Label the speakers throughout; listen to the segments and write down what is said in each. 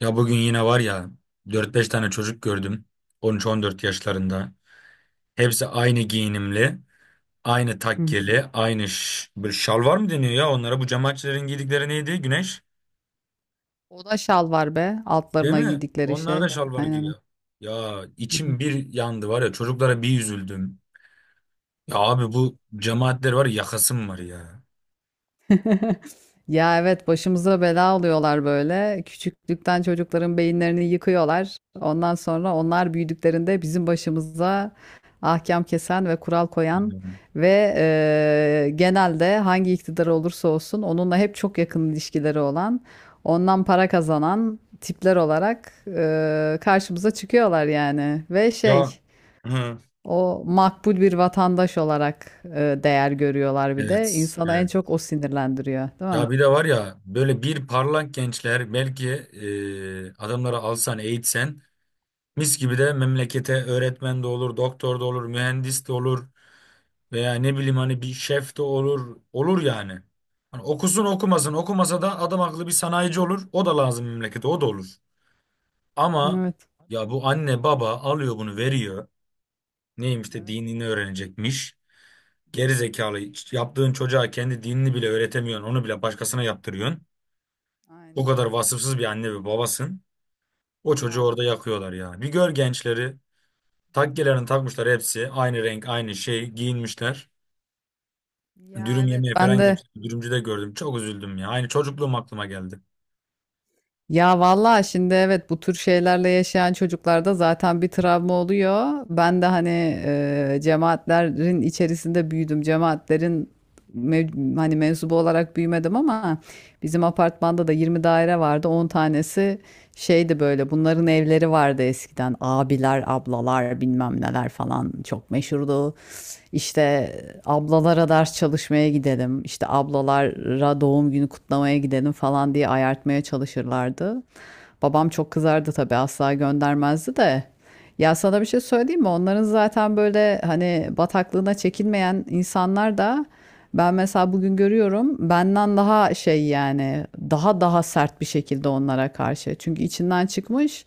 Speaker 1: Ya bugün yine var ya, dört beş tane çocuk gördüm, on üç on dört yaşlarında. Hepsi aynı giyinimli, aynı
Speaker 2: Hı hı.
Speaker 1: takkeli, bir şalvar mı deniyor ya onlara? Bu cemaatçilerin giydikleri neydi? Güneş,
Speaker 2: O da şal var be.
Speaker 1: değil
Speaker 2: Altlarına
Speaker 1: mi?
Speaker 2: giydikleri
Speaker 1: Onlar da
Speaker 2: şey.
Speaker 1: şalvar
Speaker 2: Aynen.
Speaker 1: giyiyor. Ya
Speaker 2: Hı hı.
Speaker 1: içim bir yandı var ya, çocuklara bir üzüldüm. Ya abi, bu cemaatler var ya, yakasım var ya.
Speaker 2: Ya evet başımıza bela oluyorlar böyle. Küçüklükten çocukların beyinlerini yıkıyorlar. Ondan sonra onlar büyüdüklerinde bizim başımıza ahkam kesen ve kural koyan
Speaker 1: Bilmiyorum.
Speaker 2: ve genelde hangi iktidar olursa olsun onunla hep çok yakın ilişkileri olan, ondan para kazanan tipler olarak karşımıza çıkıyorlar yani. Ve şey...
Speaker 1: Ya. Hı.
Speaker 2: O makbul bir vatandaş olarak değer görüyorlar bir de.
Speaker 1: Evet,
Speaker 2: İnsanı en
Speaker 1: evet.
Speaker 2: çok o sinirlendiriyor, değil mi?
Speaker 1: Ya bir de var ya, böyle bir parlak gençler belki, adamları alsan eğitsen, mis gibi de memlekete öğretmen de olur, doktor da olur, mühendis de olur, veya ne bileyim, hani bir şef de olur. Olur yani. Hani okusun okumasın, okumasa da adam akıllı bir sanayici olur. O da lazım memlekete, o da olur. Ama
Speaker 2: Evet.
Speaker 1: ya, bu anne baba alıyor, bunu veriyor. Neymiş de
Speaker 2: Evet,
Speaker 1: dinini öğrenecekmiş. Geri zekalı, yaptığın çocuğa kendi dinini bile öğretemiyorsun, onu bile başkasına yaptırıyorsun. O
Speaker 2: aynen
Speaker 1: kadar
Speaker 2: öyle.
Speaker 1: vasıfsız bir anne ve babasın. O çocuğu orada
Speaker 2: Maalesef.
Speaker 1: yakıyorlar ya. Bir gör gençleri.
Speaker 2: Tabii
Speaker 1: Takkelerini
Speaker 2: canım.
Speaker 1: takmışlar hepsi. Aynı renk, aynı şey giyinmişler.
Speaker 2: Ya
Speaker 1: Dürüm
Speaker 2: evet
Speaker 1: yemeye falan
Speaker 2: ben de.
Speaker 1: gitmişler. Dürümcüde gördüm. Çok üzüldüm ya. Aynı çocukluğum aklıma geldi.
Speaker 2: Ya vallahi şimdi evet bu tür şeylerle yaşayan çocuklarda zaten bir travma oluyor. Ben de hani cemaatlerin içerisinde büyüdüm. Cemaatlerin hani mensubu olarak büyümedim ama bizim apartmanda da 20 daire vardı. On tanesi şeydi, böyle bunların evleri vardı eskiden. Abiler, ablalar bilmem neler falan çok meşhurdu. İşte ablalara ders çalışmaya gidelim, işte ablalara doğum günü kutlamaya gidelim falan diye ayartmaya çalışırlardı. Babam çok kızardı tabii, asla göndermezdi de. Ya sana bir şey söyleyeyim mi? Onların zaten böyle hani bataklığına çekilmeyen insanlar da, ben mesela bugün görüyorum, benden daha şey yani daha sert bir şekilde onlara karşı. Çünkü içinden çıkmış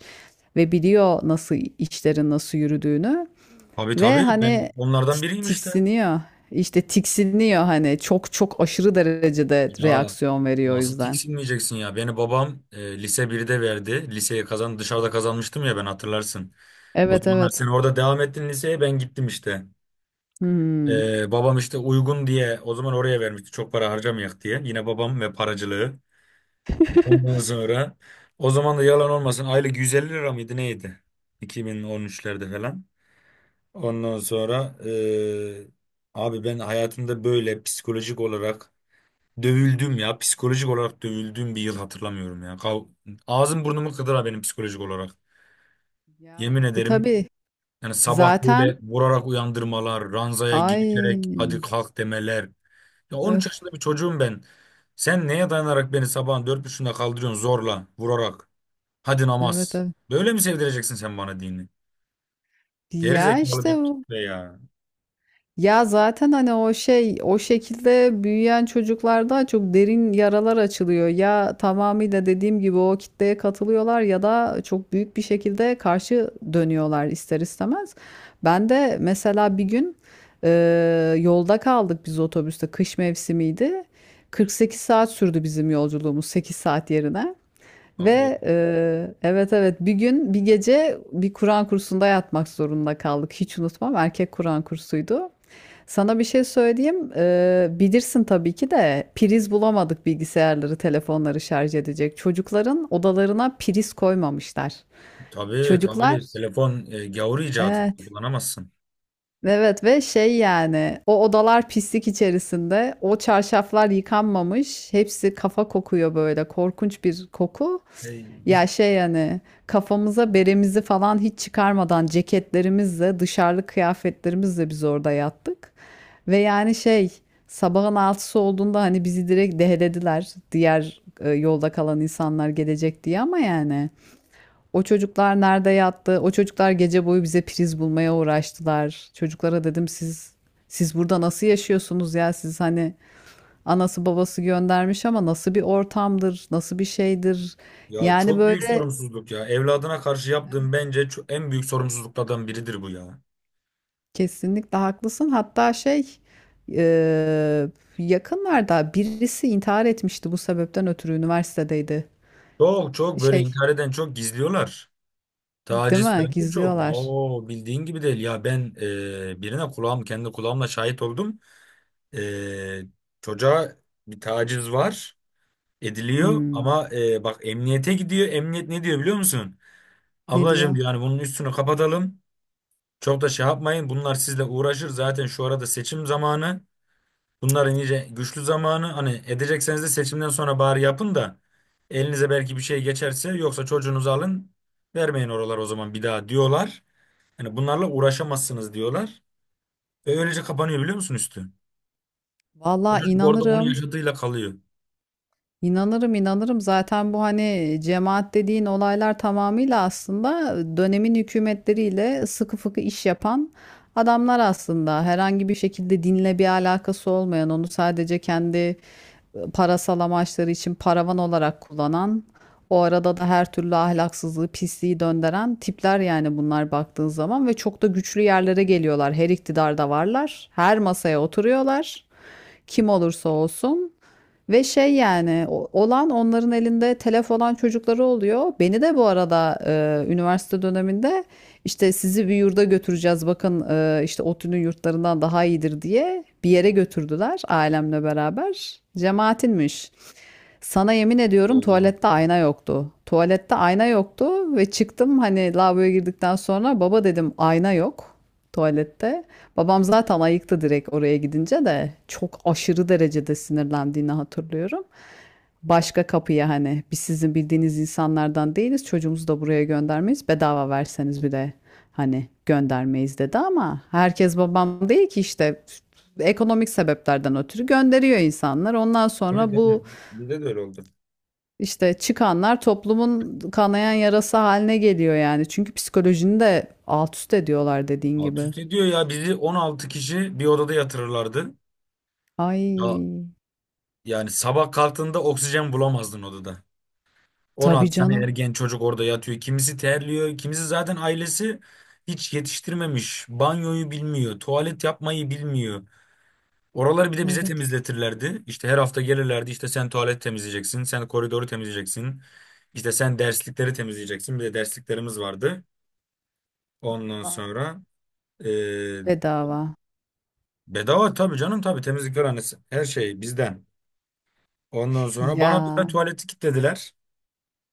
Speaker 2: ve biliyor nasıl işlerin nasıl yürüdüğünü
Speaker 1: Tabii
Speaker 2: ve
Speaker 1: tabii, ben
Speaker 2: hani
Speaker 1: onlardan biriyim işte.
Speaker 2: tiksiniyor. İşte tiksiniyor hani çok aşırı derecede
Speaker 1: Ya
Speaker 2: reaksiyon veriyor o
Speaker 1: nasıl
Speaker 2: yüzden.
Speaker 1: tiksinmeyeceksin ya? Beni babam lise birde verdi. Liseyi kazan, dışarıda kazanmıştım ya, ben, hatırlarsın. O
Speaker 2: Evet
Speaker 1: zamanlar
Speaker 2: evet.
Speaker 1: sen orada devam ettin liseye, ben gittim işte.
Speaker 2: Hmm.
Speaker 1: Babam işte uygun diye o zaman oraya vermişti. Çok para harcamayak diye. Yine babam ve paracılığı. Ondan sonra o zaman da, yalan olmasın, aylık 150 lira mıydı neydi? 2013'lerde falan. Ondan sonra abi, ben hayatımda böyle psikolojik olarak dövüldüm ya. Psikolojik olarak dövüldüğüm bir yıl hatırlamıyorum ya. Kav, ağzım burnumu kıdıra benim, psikolojik olarak.
Speaker 2: Ya
Speaker 1: Yemin
Speaker 2: tabii
Speaker 1: ederim,
Speaker 2: tabii.
Speaker 1: yani sabah
Speaker 2: Zaten
Speaker 1: böyle vurarak uyandırmalar, ranzaya
Speaker 2: ay
Speaker 1: girişerek hadi kalk demeler. Ya 13
Speaker 2: öf
Speaker 1: yaşında bir çocuğum ben. Sen neye dayanarak beni sabahın 4:30'unda kaldırıyorsun zorla, vurarak? Hadi
Speaker 2: evet
Speaker 1: namaz.
Speaker 2: evet.
Speaker 1: Böyle mi sevdireceksin sen bana dini? Geri
Speaker 2: Ya
Speaker 1: zekalı
Speaker 2: işte
Speaker 1: bir
Speaker 2: bu.
Speaker 1: kitle ya.
Speaker 2: Ya zaten hani o şey o şekilde büyüyen çocuklarda çok derin yaralar açılıyor. Ya tamamıyla dediğim gibi o kitleye katılıyorlar ya da çok büyük bir şekilde karşı dönüyorlar ister istemez. Ben de mesela bir gün e, yolda kaldık biz otobüste, kış mevsimiydi. 48 saat sürdü bizim yolculuğumuz 8 saat yerine.
Speaker 1: Baba,
Speaker 2: Ve evet evet bir gün bir gece bir Kur'an kursunda yatmak zorunda kaldık. Hiç unutmam, erkek Kur'an kursuydu. Sana bir şey söyleyeyim. Bilirsin tabii ki de priz bulamadık bilgisayarları, telefonları şarj edecek. Çocukların odalarına priz koymamışlar.
Speaker 1: tabii
Speaker 2: Çocuklar,
Speaker 1: tabii, telefon gavur icadı, kullanamazsın.
Speaker 2: evet, ve şey yani o odalar pislik içerisinde, o çarşaflar yıkanmamış, hepsi kafa kokuyor, böyle korkunç bir koku. Ya
Speaker 1: Ey.
Speaker 2: şey yani kafamıza beremizi falan hiç çıkarmadan, ceketlerimizle, dışarılık kıyafetlerimizle biz orada yattık. Ve yani şey, sabahın altısı olduğunda hani bizi direkt dehlediler, diğer yolda kalan insanlar gelecek diye ama yani. O çocuklar nerede yattı? O çocuklar gece boyu bize priz bulmaya uğraştılar. Çocuklara dedim, siz burada nasıl yaşıyorsunuz ya? Siz hani, anası babası göndermiş ama nasıl bir ortamdır? Nasıl bir şeydir?
Speaker 1: Ya
Speaker 2: Yani
Speaker 1: çok büyük
Speaker 2: böyle
Speaker 1: sorumsuzluk ya. Evladına karşı yaptığın,
Speaker 2: evet,
Speaker 1: bence en büyük sorumsuzluklardan biridir bu ya.
Speaker 2: kesinlikle haklısın. Hatta şey eee, yakınlarda birisi intihar etmişti bu sebepten ötürü, üniversitedeydi.
Speaker 1: Çok çok böyle
Speaker 2: Şey,
Speaker 1: intihar eden, çok gizliyorlar.
Speaker 2: değil
Speaker 1: Taciz
Speaker 2: mi?
Speaker 1: falan da çok.
Speaker 2: Gizliyorlar.
Speaker 1: Oo, bildiğin gibi değil. Ya ben, birine kulağım, kendi kulağımla şahit oldum. E, çocuğa bir taciz var, ediliyor,
Speaker 2: Hmm,
Speaker 1: ama bak, emniyete gidiyor. Emniyet ne diyor, biliyor musun?
Speaker 2: ne
Speaker 1: Ablacığım
Speaker 2: diyor?
Speaker 1: diyor, hani bunun üstünü kapatalım. Çok da şey yapmayın. Bunlar sizle uğraşır. Zaten şu arada seçim zamanı. Bunların iyice güçlü zamanı. Hani edecekseniz de seçimden sonra bari yapın da, elinize belki bir şey geçerse, yoksa çocuğunuzu alın, vermeyin oralar o zaman bir daha, diyorlar. Hani bunlarla uğraşamazsınız diyorlar. Ve öylece kapanıyor, biliyor musun, üstü? O
Speaker 2: Vallahi
Speaker 1: çocuk orada onu
Speaker 2: inanırım.
Speaker 1: yaşadığıyla kalıyor.
Speaker 2: İnanırım inanırım, zaten bu hani cemaat dediğin olaylar tamamıyla aslında dönemin hükümetleriyle sıkı fıkı iş yapan adamlar, aslında herhangi bir şekilde dinle bir alakası olmayan, onu sadece kendi parasal amaçları için paravan olarak kullanan, o arada da her türlü ahlaksızlığı pisliği döndüren tipler yani bunlar baktığın zaman. Ve çok da güçlü yerlere geliyorlar, her iktidarda varlar, her masaya oturuyorlar kim olursa olsun. Ve şey yani olan, onların elinde telef olan çocukları oluyor. Beni de bu arada üniversite döneminde işte sizi bir yurda götüreceğiz bakın, işte ODTÜ'nün yurtlarından daha iyidir diye bir yere götürdüler ailemle beraber. Cemaatinmiş. Sana yemin ediyorum
Speaker 1: Allah.
Speaker 2: tuvalette ayna yoktu. Tuvalette ayna yoktu ve çıktım hani lavaboya girdikten sonra baba dedim ayna yok tuvalette. Babam zaten ayıktı, direkt oraya gidince de çok aşırı derecede sinirlendiğini hatırlıyorum. Başka kapıya, hani biz sizin bildiğiniz insanlardan değiliz, çocuğumuzu da buraya göndermeyiz, bedava verseniz bile hani göndermeyiz dedi ama herkes babam değil ki işte, ekonomik sebeplerden ötürü gönderiyor insanlar. Ondan
Speaker 1: Tabii
Speaker 2: sonra
Speaker 1: tabii.
Speaker 2: bu
Speaker 1: Bizde de öyle oldu.
Speaker 2: işte çıkanlar toplumun kanayan yarası haline geliyor yani. Çünkü psikolojini de alt üst ediyorlar dediğin
Speaker 1: Alt
Speaker 2: gibi.
Speaker 1: üst ediyor ya, bizi 16 kişi bir odada yatırırlardı. Ya,
Speaker 2: Ay,
Speaker 1: yani sabah kalktığında oksijen bulamazdın odada.
Speaker 2: tabii
Speaker 1: 16 tane
Speaker 2: canım.
Speaker 1: ergen çocuk orada yatıyor. Kimisi terliyor, kimisi zaten ailesi hiç yetiştirmemiş. Banyoyu bilmiyor, tuvalet yapmayı bilmiyor. Oraları bir de bize
Speaker 2: Evet.
Speaker 1: temizletirlerdi. İşte her hafta gelirlerdi. İşte sen tuvalet temizleyeceksin, sen koridoru temizleyeceksin. İşte sen derslikleri temizleyeceksin. Bir de dersliklerimiz vardı. Ondan
Speaker 2: Allah.
Speaker 1: sonra eee,
Speaker 2: Bedava.
Speaker 1: bedava tabii canım, tabii, temizlikler annesi. Her şey bizden. Ondan sonra bana bir de
Speaker 2: Ya.
Speaker 1: tuvaleti kilitlediler.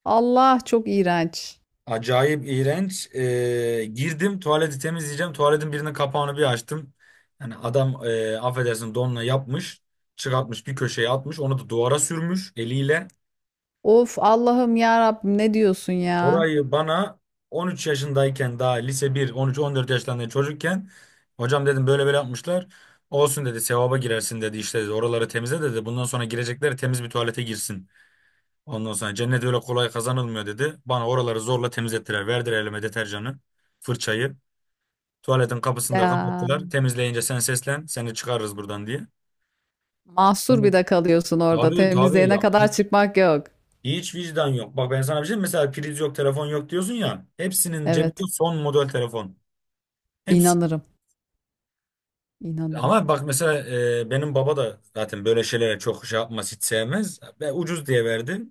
Speaker 2: Allah çok iğrenç.
Speaker 1: Acayip iğrenç. Girdim tuvaleti temizleyeceğim. Tuvaletin birinin kapağını bir açtım. Yani adam affedersin, donla yapmış. Çıkartmış bir köşeye atmış. Onu da duvara sürmüş eliyle.
Speaker 2: Of Allah'ım ya Rabbim ne diyorsun ya?
Speaker 1: Orayı bana 13 yaşındayken, daha lise 1, 13-14 yaşlarında çocukken, hocam dedim, böyle böyle yapmışlar. Olsun dedi, sevaba girersin dedi, işte dedi. Oraları temizle dedi. Bundan sonra girecekler temiz bir tuvalete girsin. Ondan sonra cennet öyle kolay kazanılmıyor dedi. Bana oraları zorla temizlettiler. Verdiler elime deterjanı, fırçayı. Tuvaletin kapısını da
Speaker 2: Ya.
Speaker 1: kapattılar. Temizleyince sen seslen, seni çıkarırız buradan diye.
Speaker 2: Mahsur
Speaker 1: Yani
Speaker 2: bir de kalıyorsun orada.
Speaker 1: abi, tabii
Speaker 2: Temizliğine
Speaker 1: ya,
Speaker 2: kadar çıkmak yok.
Speaker 1: hiç vicdan yok. Bak, ben sana bir şey diyeyim. Mesela priz yok, telefon yok diyorsun ya. Hepsinin
Speaker 2: Evet.
Speaker 1: cebinde son model telefon. Hepsi.
Speaker 2: inanırım İnanırım.
Speaker 1: Ama bak mesela, benim baba da zaten böyle şeylere çok şey yapmaz, hiç sevmez. Ve ucuz diye verdi.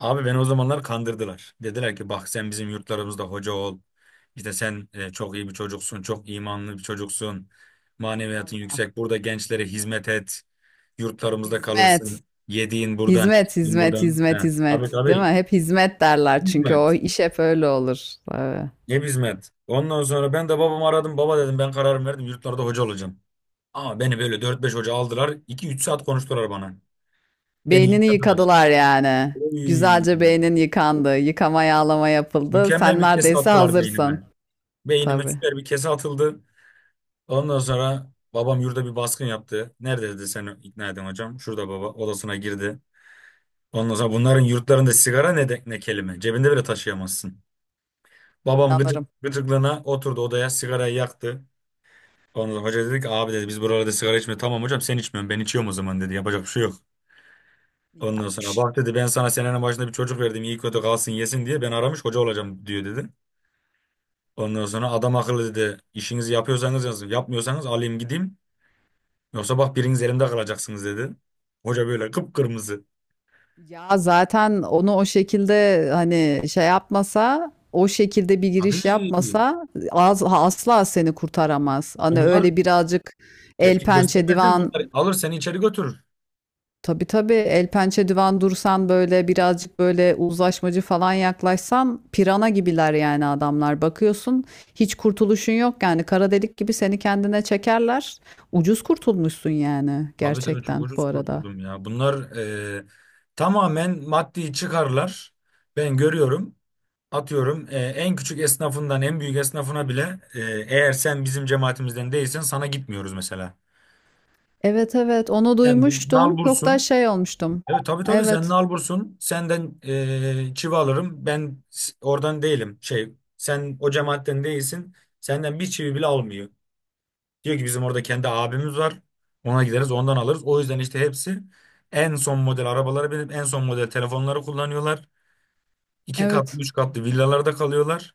Speaker 1: Abi, beni o zamanlar kandırdılar. Dediler ki, bak, sen bizim yurtlarımızda hoca ol. İşte sen çok iyi bir çocuksun, çok imanlı bir çocuksun. Maneviyatın
Speaker 2: Allah.
Speaker 1: yüksek. Burada gençlere hizmet et. Yurtlarımızda
Speaker 2: Hizmet.
Speaker 1: kalırsın. Yediğin buradan,
Speaker 2: Hizmet,
Speaker 1: içtiğin
Speaker 2: hizmet,
Speaker 1: buradan. He.
Speaker 2: hizmet,
Speaker 1: Abi
Speaker 2: hizmet. Değil mi?
Speaker 1: tabii.
Speaker 2: Hep hizmet derler çünkü o
Speaker 1: Hizmet.
Speaker 2: iş hep öyle olur. Tabii.
Speaker 1: Ne hizmet? Ondan sonra ben de babamı aradım. Baba dedim, ben kararımı verdim. Yurtlarda hoca olacağım. Ama beni böyle dört beş hoca aldılar. İki üç saat konuştular bana. Beni
Speaker 2: Beynini
Speaker 1: yıkadılar.
Speaker 2: yıkadılar yani.
Speaker 1: Oy,
Speaker 2: Güzelce beynin yıkandı. Yıkama yağlama yapıldı.
Speaker 1: mükemmel
Speaker 2: Sen
Speaker 1: bir kese
Speaker 2: neredeyse
Speaker 1: attılar
Speaker 2: hazırsın.
Speaker 1: beynime. Beynime
Speaker 2: Tabii.
Speaker 1: süper bir kese atıldı. Ondan sonra babam yurda bir baskın yaptı. Nerede dedi seni ikna edin hocam? Şurada, baba odasına girdi. Ondan sonra bunların yurtlarında sigara ne, de, ne kelime. Cebinde bile taşıyamazsın. Babam gıcık,
Speaker 2: İnanırım.
Speaker 1: gıcıklığına oturdu odaya, sigarayı yaktı. Ondan sonra hoca dedi ki, abi dedi, biz buralarda sigara içmiyoruz. Tamam hocam, sen içmiyorsun, ben içiyorum o zaman dedi. Yapacak bir şey yok.
Speaker 2: İyi
Speaker 1: Ondan sonra
Speaker 2: yapmış.
Speaker 1: bak dedi, ben sana senenin başında bir çocuk verdim, iyi kötü kalsın yesin diye, ben aramış hoca olacağım diyor dedi. Ondan sonra adam akıllı dedi, işinizi yapıyorsanız yazın, yapmıyorsanız alayım gideyim. Yoksa bak, biriniz elimde kalacaksınız dedi. Hoca böyle kıpkırmızı.
Speaker 2: Ya zaten onu o şekilde hani şey yapmasa, o şekilde bir
Speaker 1: Abi,
Speaker 2: giriş yapmasa az, asla seni kurtaramaz. Hani
Speaker 1: bunlar
Speaker 2: öyle birazcık el
Speaker 1: tepki
Speaker 2: pençe
Speaker 1: göstermesin.
Speaker 2: divan.
Speaker 1: Bunlar alır seni içeri götürür.
Speaker 2: Tabii tabii, el pençe divan dursan, böyle birazcık böyle uzlaşmacı falan yaklaşsan pirana gibiler yani adamlar. Bakıyorsun hiç kurtuluşun yok yani, kara delik gibi seni kendine çekerler. Ucuz kurtulmuşsun yani
Speaker 1: Abi tabii, çok
Speaker 2: gerçekten bu
Speaker 1: ucuz
Speaker 2: arada.
Speaker 1: kurtuldum ya. Bunlar, e, tamamen maddi çıkarlar. Ben görüyorum. Atıyorum, en küçük esnafından en büyük esnafına bile, eğer sen bizim cemaatimizden değilsen sana gitmiyoruz mesela.
Speaker 2: Evet evet onu
Speaker 1: Sen bir
Speaker 2: duymuştum. Çok da
Speaker 1: nalbursun.
Speaker 2: şey olmuştum.
Speaker 1: Evet tabii tabii, sen
Speaker 2: Evet
Speaker 1: nalbursun. Senden çivi alırım. Oradan değilim. Şey, sen o cemaatten değilsin. Senden bir çivi bile almıyor. Diyor ki, bizim orada kendi abimiz var. Ona gideriz, ondan alırız. O yüzden işte hepsi en son model arabaları, benim en son model telefonları kullanıyorlar. İki katlı
Speaker 2: evet.
Speaker 1: üç katlı villalarda kalıyorlar.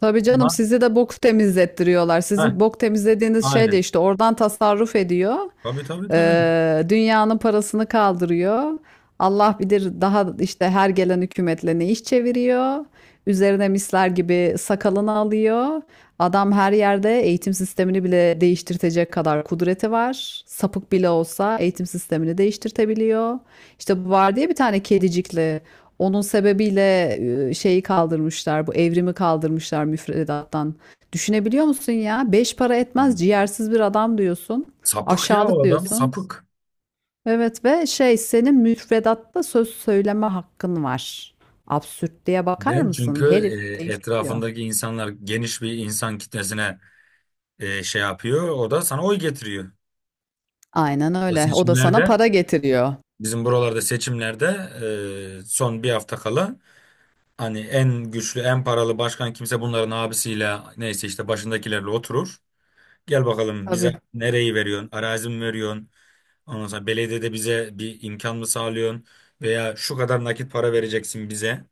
Speaker 2: Tabii
Speaker 1: Ama
Speaker 2: canım, sizi de bok temizlettiriyorlar.
Speaker 1: heh,
Speaker 2: Sizin bok temizlediğiniz şey de
Speaker 1: aynen.
Speaker 2: işte oradan tasarruf ediyor.
Speaker 1: Tabii tabii tabii.
Speaker 2: Dünyanın parasını kaldırıyor. Allah bilir daha işte her gelen hükümetle ne iş çeviriyor. Üzerine misler gibi sakalını alıyor. Adam her yerde eğitim sistemini bile değiştirtecek kadar kudreti var. Sapık bile olsa eğitim sistemini değiştirtebiliyor. İşte bu var diye bir tane kedicikli. Onun sebebiyle şeyi kaldırmışlar, bu evrimi kaldırmışlar müfredattan. Düşünebiliyor musun ya? Beş para etmez ciğersiz bir adam diyorsun.
Speaker 1: Sapık ya, o
Speaker 2: Aşağılık
Speaker 1: adam
Speaker 2: diyorsun.
Speaker 1: sapık.
Speaker 2: Evet ve şey, senin müfredatta söz söyleme hakkın var. Absürtlüğe bakar
Speaker 1: Neden? Çünkü
Speaker 2: mısın? Herif
Speaker 1: eee,
Speaker 2: değiştiriyor.
Speaker 1: etrafındaki insanlar geniş bir insan kitlesine, şey yapıyor. O da sana oy getiriyor.
Speaker 2: Aynen
Speaker 1: Bu
Speaker 2: öyle. O da sana
Speaker 1: seçimlerde,
Speaker 2: para getiriyor.
Speaker 1: bizim buralarda seçimlerde, son bir hafta kala, hani en güçlü en paralı başkan kimse, bunların abisiyle neyse işte başındakilerle oturur. Gel bakalım,
Speaker 2: Tabii.
Speaker 1: bize nereyi veriyorsun? Arazi mi veriyorsun? Ondan sonra belediyede bize bir imkan mı sağlıyorsun? Veya şu kadar nakit para vereceksin bize.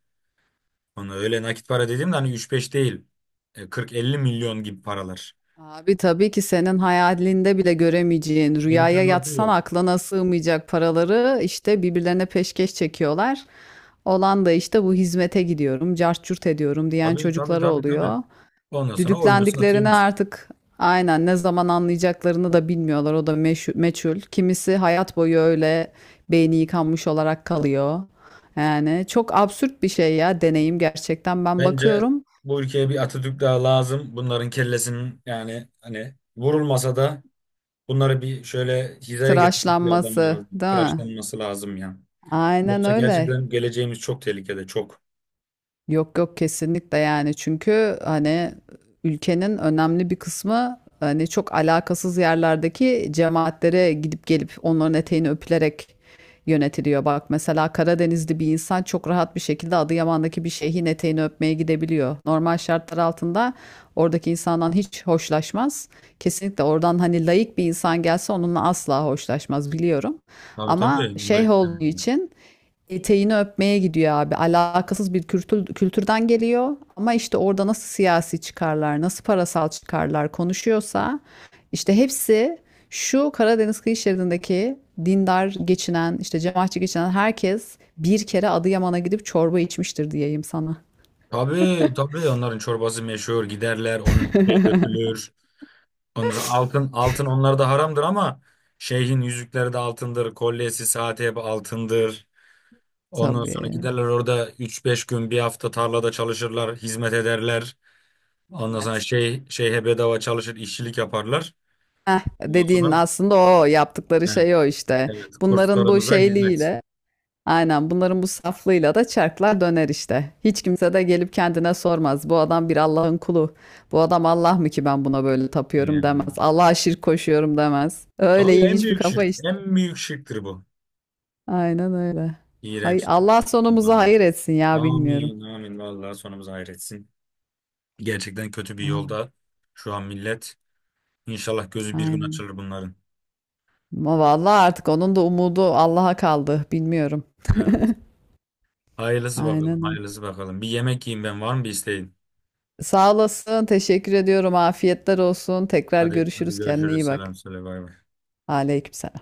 Speaker 1: Ona öyle nakit para dediğimde hani üç beş değil. E, 40-50 milyon gibi paralar.
Speaker 2: Abi tabii ki senin hayalinde bile göremeyeceğin, rüyaya
Speaker 1: Mümkünatı
Speaker 2: yatsan
Speaker 1: yok.
Speaker 2: aklına sığmayacak paraları işte birbirlerine peşkeş çekiyorlar. Olan da işte bu hizmete gidiyorum, cart curt ediyorum diyen
Speaker 1: Tabii tabii
Speaker 2: çocukları
Speaker 1: tabii tabii.
Speaker 2: oluyor.
Speaker 1: Ondan sonra oyunu
Speaker 2: Düdüklendiklerini
Speaker 1: satıyoruz.
Speaker 2: artık aynen ne zaman anlayacaklarını da bilmiyorlar. O da meçhul. Kimisi hayat boyu öyle beyni yıkanmış olarak kalıyor. Yani çok absürt bir şey ya, deneyim gerçekten. Ben
Speaker 1: Bence
Speaker 2: bakıyorum
Speaker 1: bu ülkeye bir Atatürk daha lazım. Bunların kellesinin, yani hani vurulmasa da, bunları bir şöyle hizaya getirecek bir adam
Speaker 2: tıraşlanması,
Speaker 1: lazım.
Speaker 2: değil mi?
Speaker 1: Tıraşlanması lazım ya.
Speaker 2: Aynen
Speaker 1: Yoksa
Speaker 2: öyle.
Speaker 1: gerçekten geleceğimiz çok tehlikede, çok.
Speaker 2: Yok yok kesinlikle, yani çünkü hani ülkenin önemli bir kısmı hani çok alakasız yerlerdeki cemaatlere gidip gelip onların eteğini öpülerek yönetiliyor. Bak mesela Karadenizli bir insan çok rahat bir şekilde Adıyaman'daki bir şeyhin eteğini öpmeye gidebiliyor. Normal şartlar altında oradaki insandan hiç hoşlaşmaz. Kesinlikle oradan hani laik bir insan gelse onunla asla hoşlaşmaz biliyorum.
Speaker 1: Tabii
Speaker 2: Ama
Speaker 1: tabii, bunlar
Speaker 2: şeyh olduğu
Speaker 1: istemiyorlar.
Speaker 2: için eteğini öpmeye gidiyor abi. Alakasız bir kültür, kültürden geliyor ama işte orada nasıl siyasi çıkarlar, nasıl parasal çıkarlar konuşuyorsa işte hepsi şu Karadeniz kıyı şeridindeki dindar geçinen, işte cemaatçi geçinen herkes bir kere Adıyaman'a gidip çorba içmiştir diyeyim sana.
Speaker 1: Tabii tabii, onların çorbası meşhur, giderler, onun şey öpülür. Ondan sonra altın, altın onlar da haramdır ama, şeyhin yüzükleri de altındır, kolyesi, saati hep altındır. Ondan sonra
Speaker 2: Tabii.
Speaker 1: giderler orada üç beş gün bir hafta tarlada çalışırlar, hizmet ederler. Ondan sonra
Speaker 2: Hizmet.
Speaker 1: şey, şeyhe bedava çalışır, işçilik yaparlar.
Speaker 2: Heh,
Speaker 1: Ondan
Speaker 2: dediğin
Speaker 1: sonra
Speaker 2: aslında o yaptıkları
Speaker 1: he,
Speaker 2: şey o işte.
Speaker 1: evet,
Speaker 2: Bunların bu
Speaker 1: kurslarımıza hizmet.
Speaker 2: şeyliğiyle, aynen bunların bu saflığıyla da çarklar döner işte. Hiç kimse de gelip kendine sormaz. Bu adam bir Allah'ın kulu. Bu adam Allah mı ki ben buna böyle tapıyorum demez.
Speaker 1: Yani,
Speaker 2: Allah'a şirk koşuyorum demez. Öyle
Speaker 1: tabii, en
Speaker 2: ilginç bir
Speaker 1: büyük
Speaker 2: kafa
Speaker 1: şirk,
Speaker 2: işte.
Speaker 1: en büyük şirktir bu.
Speaker 2: Aynen öyle. Hay
Speaker 1: İğrenç.
Speaker 2: Allah sonumuzu hayır etsin ya bilmiyorum.
Speaker 1: Amin, amin. Vallahi sonumuz hayretsin. Gerçekten kötü bir yolda şu an millet. İnşallah gözü bir gün
Speaker 2: Aynen.
Speaker 1: açılır bunların.
Speaker 2: Ama vallahi artık onun da umudu Allah'a kaldı. Bilmiyorum.
Speaker 1: Evet. Hayırlısı bakalım,
Speaker 2: Aynen öyle.
Speaker 1: hayırlısı bakalım. Bir yemek yiyeyim ben. Var mı bir isteğin?
Speaker 2: Sağ olasın. Teşekkür ediyorum. Afiyetler olsun. Tekrar
Speaker 1: Hadi, hadi
Speaker 2: görüşürüz. Kendine
Speaker 1: görüşürüz.
Speaker 2: iyi bak.
Speaker 1: Selam söyle. Bay bay.
Speaker 2: Aleykümselam.